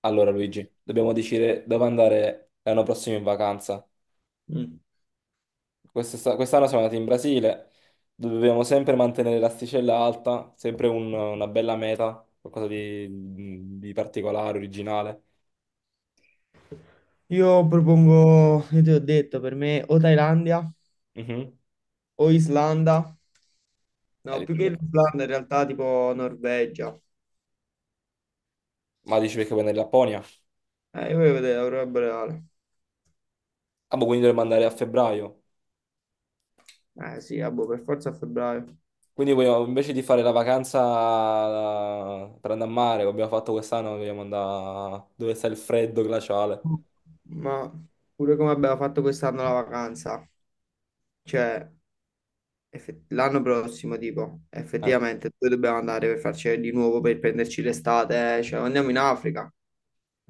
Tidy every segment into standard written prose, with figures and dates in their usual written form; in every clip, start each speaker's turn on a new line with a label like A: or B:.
A: Allora Luigi, dobbiamo decidere dove andare l'anno prossimo in vacanza.
B: Mm.
A: Quest'anno siamo andati in Brasile, dobbiamo sempre mantenere l'asticella alta, sempre una bella meta, qualcosa di particolare, originale.
B: Io propongo, io ti ho detto, per me o Thailandia
A: Mhm.
B: o Islanda. No,
A: Eh,
B: più che l'Islanda in realtà tipo Norvegia.
A: ma dici perché vuoi andare in Lapponia?
B: Io voglio vedere l'aurora boreale.
A: Ah, boh, quindi dovremmo andare a febbraio.
B: Eh sì, ah, boh, per forza a febbraio.
A: Invece di fare la vacanza per andare a mare, come abbiamo fatto quest'anno, vogliamo andare dove sta il freddo glaciale.
B: Ma pure come abbiamo fatto quest'anno la vacanza, cioè l'anno prossimo tipo,
A: Eh.
B: effettivamente dove dobbiamo andare per farci di nuovo per prenderci l'estate? Eh? Cioè andiamo in Africa.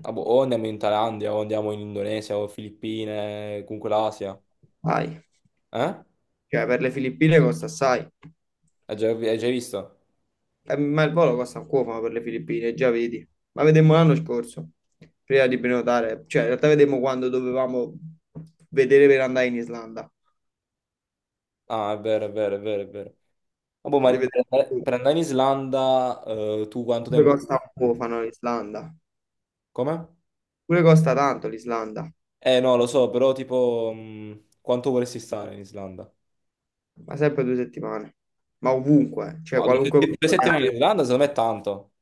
A: Ah, boh, o andiamo in Thailandia, o andiamo in Indonesia, o Filippine, comunque l'Asia.
B: Vai.
A: Eh?
B: Cioè, per le Filippine costa assai.
A: Hai già visto?
B: Ma il volo costa un cuofano per le Filippine, già vedi. Ma vedemmo l'anno scorso, prima di prenotare. Cioè, in realtà vedemmo quando dovevamo vedere per andare in Islanda.
A: Ah, è vero, è vero, è vero, è vero. Ah, boh, ma
B: Le
A: per
B: vedemmo
A: andare
B: tutte.
A: per andare in Islanda, tu quanto
B: Pure
A: tempo?
B: costa un cuofano l'Islanda.
A: Come?
B: Pure costa tanto l'Islanda.
A: No, lo so, però tipo, quanto vorresti stare in Islanda?
B: Ma sempre 2 settimane. Ma ovunque, cioè
A: Ma
B: qualunque
A: due
B: posto
A: settimane
B: andiamo.
A: in Islanda, secondo me è tanto.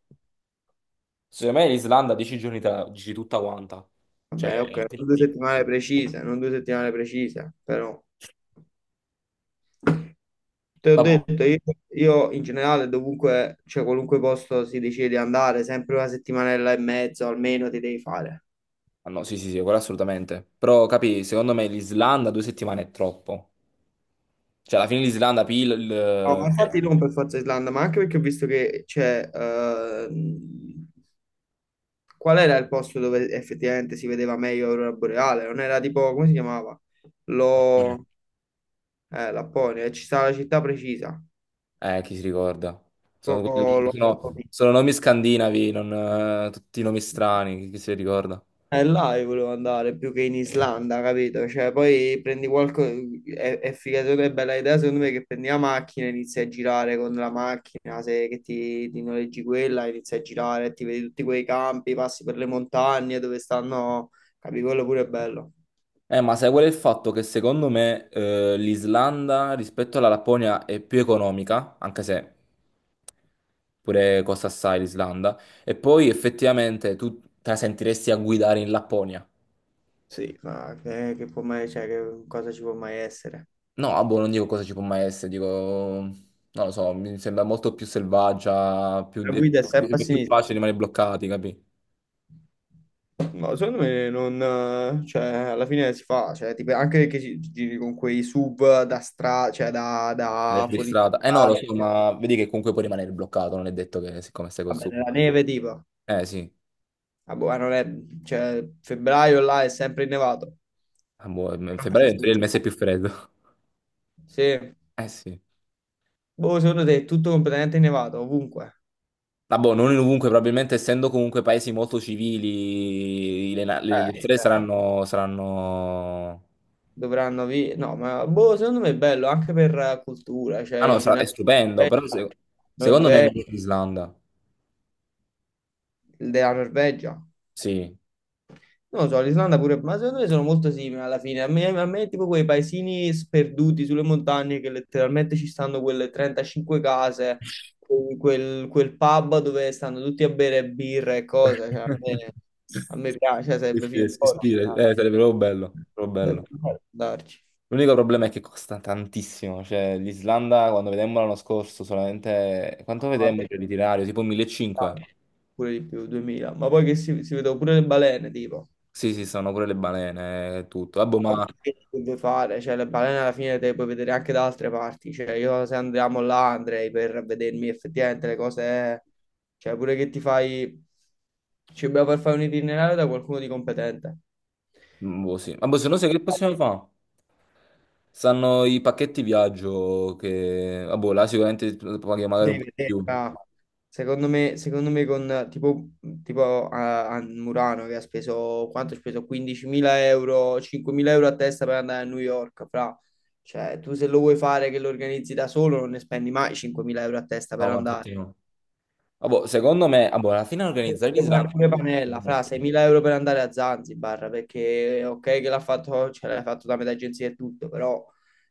A: Secondo me l'Islanda, 10 giorni te la dici tutta quanta. Cioè,
B: Vabbè, ok,
A: te-
B: non 2 settimane precise, non 2 settimane precise, però... Te ho
A: vabbè.
B: detto, io in generale dovunque, cioè qualunque posto si decide di andare, sempre una settimanella e mezzo almeno ti devi fare.
A: Ah, no, sì, sì, sì, quello assolutamente. Però, capi, secondo me l'Islanda 2 settimane è troppo. Cioè, alla fine l'Islanda.
B: No, ma infatti non per forza Islanda, ma anche perché ho visto che c'è. Qual era il posto dove effettivamente si vedeva meglio l'aurora boreale? Non era tipo, come si chiamava? Lo... Lapponia, ci sta la città precisa.
A: Chi si ricorda? Sono, quelli-
B: Lo- lo-
A: sono- sono nomi scandinavi, non, tutti nomi strani, chi si ricorda?
B: Là io volevo andare più che in Islanda, capito? Cioè, poi prendi qualche... È figato, è bella idea secondo me che prendi la macchina, inizi a girare con la macchina, se che ti noleggi quella, inizi a girare, ti vedi tutti quei campi, passi per le montagne dove stanno... Capi, quello pure è bello.
A: Ma sai qual è il fatto? Che secondo me l'Islanda rispetto alla Lapponia è più economica, anche se pure costa assai l'Islanda, e poi effettivamente tu te la sentiresti a guidare in Lapponia.
B: Sì, ma che può mai... Cioè, che cosa ci può mai essere?
A: No, ah, boh, non dico cosa ci può mai essere, dico, non lo so, mi sembra molto più selvaggia,
B: La
A: è
B: guida è sempre
A: più
B: a
A: è più
B: sinistra.
A: facile rimanere bloccati, capi?
B: No, secondo me non, cioè, alla fine si fa, cioè, tipo, anche che ci giri con quei sub da stra, cioè, da
A: Nella
B: fuori
A: strada. Eh no, lo
B: strada,
A: so, ma vedi che comunque puoi rimanere bloccato, non è detto che siccome stai col
B: vabbè,
A: sud.
B: nella neve, tipo,
A: Eh sì.
B: ah, boh, ma non è, cioè, febbraio là è sempre innevato.
A: Ah, boh, in
B: Non
A: febbraio
B: penso
A: in
B: che
A: teoria, è il mese più freddo.
B: Sì,
A: Eh sì.
B: boh, secondo te è tutto completamente innevato, ovunque.
A: Ah, boh, non in ovunque, probabilmente essendo comunque paesi molto civili, le strade
B: Sì.
A: saranno.
B: Dovranno, vi... no, ma, boh, secondo me è bello, anche per cultura, cioè,
A: Ah no,
B: in
A: sarà- È
B: generale,
A: stupendo, però secondo me è
B: Norvegia,
A: meglio che l'Islanda,
B: della Norvegia.
A: sì.
B: Non lo so, l'Islanda pure, ma secondo me sono molto simili alla fine. A me tipo quei paesini sperduti sulle montagne che letteralmente ci stanno quelle 35 case, quel pub dove stanno tutti a bere birra e cose. Cioè, a me,
A: Sì,
B: a me piace, cioè,
A: sì,
B: sarebbe figo
A: si ispira,
B: andare.
A: sarebbe proprio bello, proprio
B: Sarebbe
A: bello.
B: figo andarci.
A: L'unico problema è che costa tantissimo, cioè l'Islanda quando vedemmo l'anno scorso solamente, quanto vedemmo
B: Vabbè,
A: il l'itinerario? Tipo 1500?
B: pure di più, 2000. Ma poi che si vedono pure le balene, tipo.
A: Sì, sì, sono pure le balene e tutto. Vabbè,
B: Vabbè,
A: ma,
B: che deve fare, cioè le balene alla fine te le puoi vedere anche da altre parti, cioè io se andiamo là andrei per vedermi effettivamente le cose, cioè pure che ti fai, ci dobbiamo per fare un itinerario da qualcuno di competente.
A: mm, boh, sì. Vabbè, se no sai che possiamo fare? Stanno i pacchetti viaggio che, vabbè, là sicuramente paghi magari
B: Cosa
A: un
B: di
A: po' di
B: vedere,
A: più.
B: ah. Secondo me con tipo a Murano che ha speso, quanto ha speso? 15.000 euro, 5.000 euro a testa per andare a New York, fra. Cioè, tu se lo vuoi fare che lo organizzi da solo non ne spendi mai 5.000 euro a testa
A: No,
B: per
A: ma
B: andare.
A: infatti no. Vabbè, secondo me, vabbè, alla fine organizzare
B: Sembra
A: l'Islanda.
B: pure Panella, fra 6.000 euro per andare a Zanzibar, perché ok che l'ha fatto, ce l'hai fatto da metà agenzia e tutto, però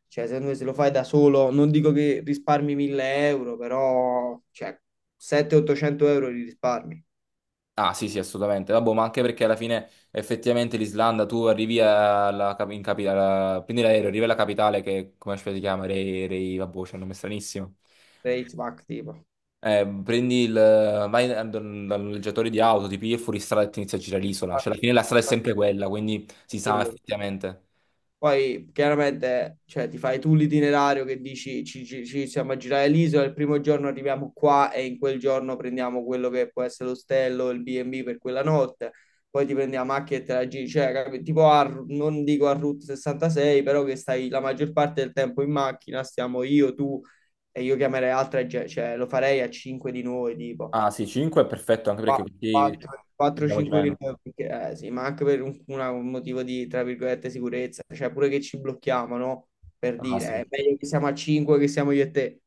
B: cioè, secondo me se lo fai da solo, non dico che risparmi 1.000 euro, però cioè, 700-800 euro li risparmi.
A: Ah, sì, sì, assolutamente. Vabbè, ma anche perché alla fine effettivamente l'Islanda, tu arrivi alla, cap- in capi- alla- prendi l'aereo, arrivi alla capitale che, come si chiama, vabbè, c'è un nome stranissimo.
B: Rate, Mac, tipo.
A: Prendi vai dal noleggiatore di auto, ti pigli fuori strada e ti inizi a girare l'isola. Cioè, alla fine la strada è sempre quella, quindi si sa
B: Quello,
A: effettivamente.
B: poi chiaramente cioè, ti fai tu l'itinerario che dici ci siamo a girare l'isola, il primo giorno arriviamo qua e in quel giorno prendiamo quello che può essere l'ostello, il B&B per quella notte, poi ti prendi la macchina e te la giri, cioè tipo non dico a Route 66, però che stai la maggior parte del tempo in macchina, stiamo io, tu e io chiamerei altra gente, cioè lo farei a 5 di noi tipo.
A: Ah, sì, cinque è perfetto, anche perché così spendiamo di
B: 4-5
A: meno.
B: mila, perché, sì, ma anche per un motivo di, tra virgolette, sicurezza, cioè pure che ci blocchiamo, no? Per
A: Ah,
B: dire,
A: sì,
B: è meglio che siamo a 5 che siamo io e te,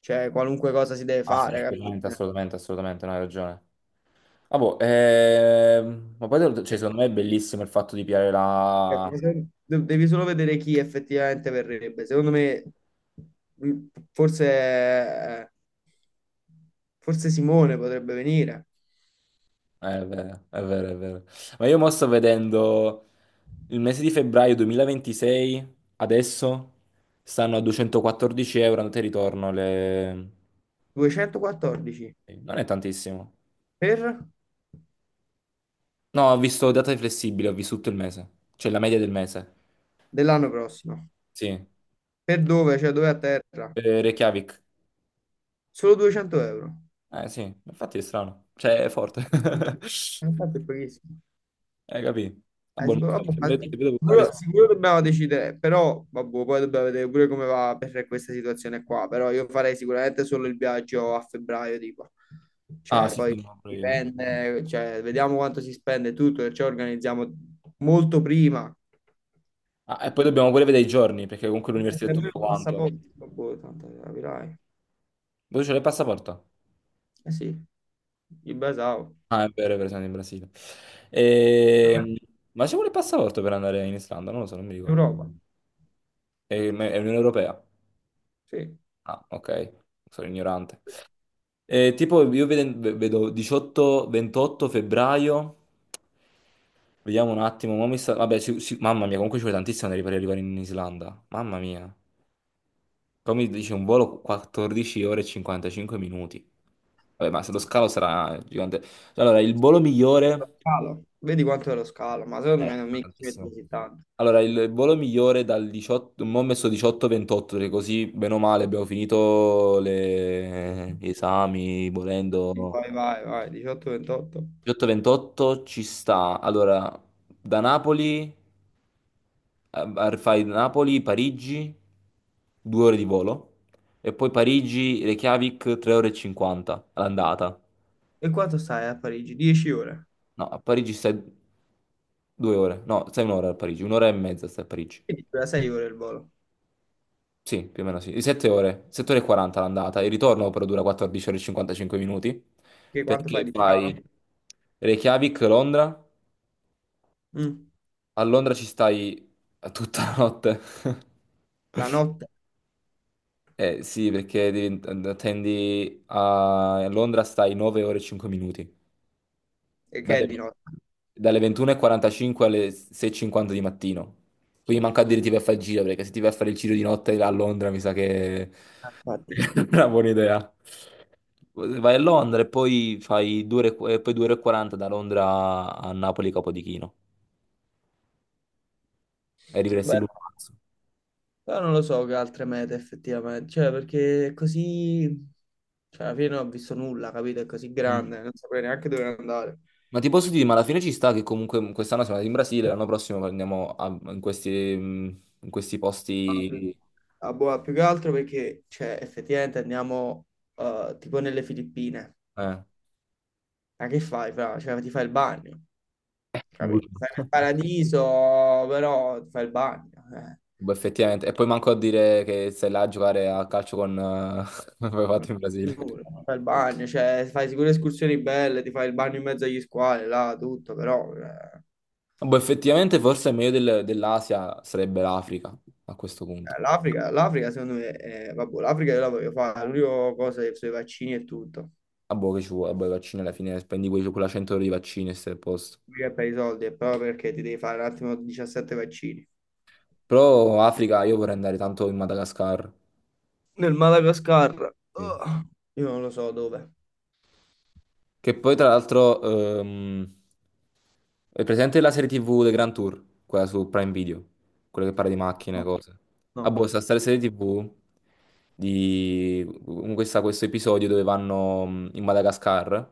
B: cioè qualunque cosa si deve
A: ah, sì,
B: fare, capito?
A: assolutamente, assolutamente, assolutamente, no, hai ragione. Ah, boh, ma poi, cioè, secondo me è bellissimo il fatto di piare la.
B: Devi solo vedere chi effettivamente verrebbe. Secondo me, mh, forse, forse Simone potrebbe venire.
A: Eh, è vero, è vero, è vero. Ma io mo sto vedendo il mese di febbraio 2026, adesso stanno a €214 andata e ritorno.
B: 214
A: Eh, non è tantissimo.
B: per
A: No, ho visto data flessibile, ho visto tutto il mese. Cioè la media del mese.
B: dell'anno prossimo.
A: Sì.
B: Per dove? Cioè dove a terra?
A: Reykjavik.
B: Solo 200 euro.
A: Eh sì, infatti è strano. Cioè è forte.
B: Sì. Infatti è pochissimo.
A: Hai capito? Ah, boh,
B: Sicuro, vabbè, ma
A: ma-
B: sicuro dobbiamo decidere, però vabbè, poi dobbiamo vedere pure come va per questa situazione qua. Però io farei sicuramente solo il viaggio a febbraio, tipo.
A: Ah,
B: Cioè,
A: sì,
B: poi
A: sì, no, pure io.
B: dipende, cioè, vediamo quanto si spende tutto, e ci organizziamo molto prima.
A: Ah, e poi dobbiamo pure vedere i giorni, perché comunque l'università è
B: Nemmeno
A: tutto
B: il
A: quanto.
B: passaporto, boh, tanto capirai.
A: Voi c'è il passaporto?
B: Eh sì, il basao.
A: Ah, è vero, siamo in Brasile. Ehm, Ma c'è pure il passaporto per andare in Islanda? Non lo so, non mi ricordo.
B: Europa,
A: È Unione Europea?
B: sì.
A: Ah, ok, sono ignorante. Tipo, io vedo 18-28 febbraio. Vediamo un attimo. Mo vabbè, mamma mia, comunque ci vuole tantissimo per arrivare in Islanda. Mamma mia. Però mi dice un volo 14 ore e 55 minuti. Vabbè, ma se lo scalo sarà gigante. Allora, il volo migliore.
B: Scalo. Vedi quanto è lo scalo, ma secondo me non
A: Sarà
B: mica ci metti
A: tantissimo.
B: così tanto.
A: Allora, il volo migliore dal 18. Mo' ho messo 18-28, perché così, bene o male, abbiamo finito gli esami, volendo.
B: Vai, vai, vai, 18-28.
A: 18-28 ci sta. Allora, da Napoli, fai Napoli, Parigi, due ore di volo. E poi Parigi, Reykjavik, 3 ore e 50 all'andata.
B: E quanto stai a Parigi? 10 ore.
A: No, a Parigi stai 2 ore. No, stai 1 ora a Parigi, 1 ora e mezza stai a Parigi.
B: Quindi dura 6 ore il volo.
A: Sì, più o meno sì. 7 ore, 7 ore e 40 l'andata. Il ritorno però dura 14 ore e 55 minuti.
B: Che quanto
A: Perché
B: fai di
A: fai
B: scalo?
A: Reykjavik, Londra.
B: Mm.
A: A Londra ci stai tutta la notte.
B: La notte?
A: Eh sì, perché attendi a Londra stai 9 ore e 5 minuti.
B: E che
A: Dalle
B: è di notte?
A: dalle 21:45 alle 6:50 di mattino. Quindi manca a dire ti vai a fare il giro, perché se ti vai a fare il giro di notte a Londra mi sa che
B: Ah, infatti.
A: non è una buona idea. Vai a Londra e poi fai 2 ore, e poi 2 ore e 40 da Londra a Napoli Capodichino e arriveresti
B: Beh,
A: l'uno marzo.
B: però non lo so che altre mete effettivamente. Cioè, perché è così... Cioè, alla fine non ho visto nulla, capito? È così
A: Mm.
B: grande, non saprei neanche dove andare.
A: Ma ti posso dire, ma alla fine ci sta che comunque quest'anno siamo andati in Brasile, l'anno prossimo andiamo in questi, mm, in questi posti.
B: A Boa più che altro perché, cioè, effettivamente andiamo tipo nelle Filippine.
A: Eh.
B: Ma che fai, fra? Cioè, ti fai il bagno, capito? Stai
A: Brutti.
B: nel paradiso, però ti fai il bagno, eh.
A: Boh, effettivamente. E poi manco a dire che sei là a giocare a calcio con, come hai
B: Non-
A: fatto in Brasile.
B: giuro, ti fai il bagno, cioè, fai sicure escursioni belle, ti fai il bagno in mezzo agli squali, là, tutto, però...
A: Boh, effettivamente forse meglio dell'Asia sarebbe l'Africa a questo punto.
B: l'Africa, l'Africa secondo me, vabbè, l'Africa io la voglio fare, l'unica cosa è sui vaccini e tutto.
A: Ah, boh, che ci vuole? Boh, i vaccini alla fine spendi quella €100 di vaccini e stai a posto.
B: Mica è per i soldi, è proprio perché ti devi fare un attimo 17 vaccini.
A: Però Africa, io vorrei andare tanto in Madagascar.
B: Nel Madagascar,
A: Sì.
B: oh, io non lo so dove.
A: Che poi tra l'altro, ehm, è presente la serie TV The Grand Tour, quella su Prime Video, quella che parla di macchine,
B: No,
A: cose. Ah,
B: no.
A: boh, sta serie TV di con questo episodio dove vanno in Madagascar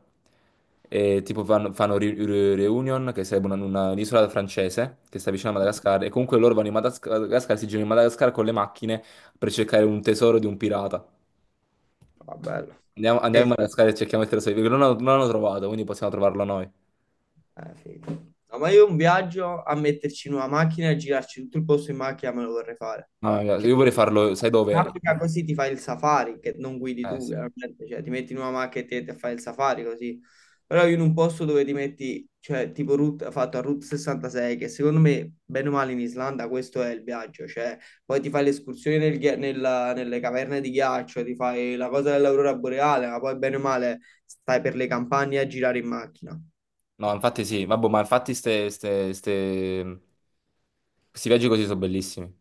A: e tipo fanno Reunion, che sarebbe un'isola francese che sta vicino a Madagascar, e comunque loro vanno Madagascar, si girano in Madagascar con le macchine per cercare un tesoro di un pirata.
B: Va bello.
A: Andiamo, andiamo
B: Eh,
A: in Madagascar e cerchiamo il tesoro, perché non l'hanno trovato, quindi possiamo trovarlo noi.
B: Figo. No, ma io un viaggio a metterci in una macchina e girarci tutto il posto in macchina me lo vorrei fare.
A: No,
B: Cioè,
A: io vorrei farlo, sai
B: in
A: dove?
B: Africa così ti fai il safari, che non guidi
A: Eh
B: tu,
A: sì.
B: chiaramente, cioè ti metti in una macchina e ti fai il safari così. Però io in un posto dove ti metti, cioè tipo route, fatto a Route 66, che secondo me, bene o male in Islanda, questo è il viaggio, cioè poi ti fai l'escursione nelle caverne di ghiaccio, ti fai la cosa dell'aurora boreale, ma poi bene o male stai per le campagne a girare in macchina.
A: No, infatti sì, vabbè, ma infatti questi viaggi così sono bellissimi.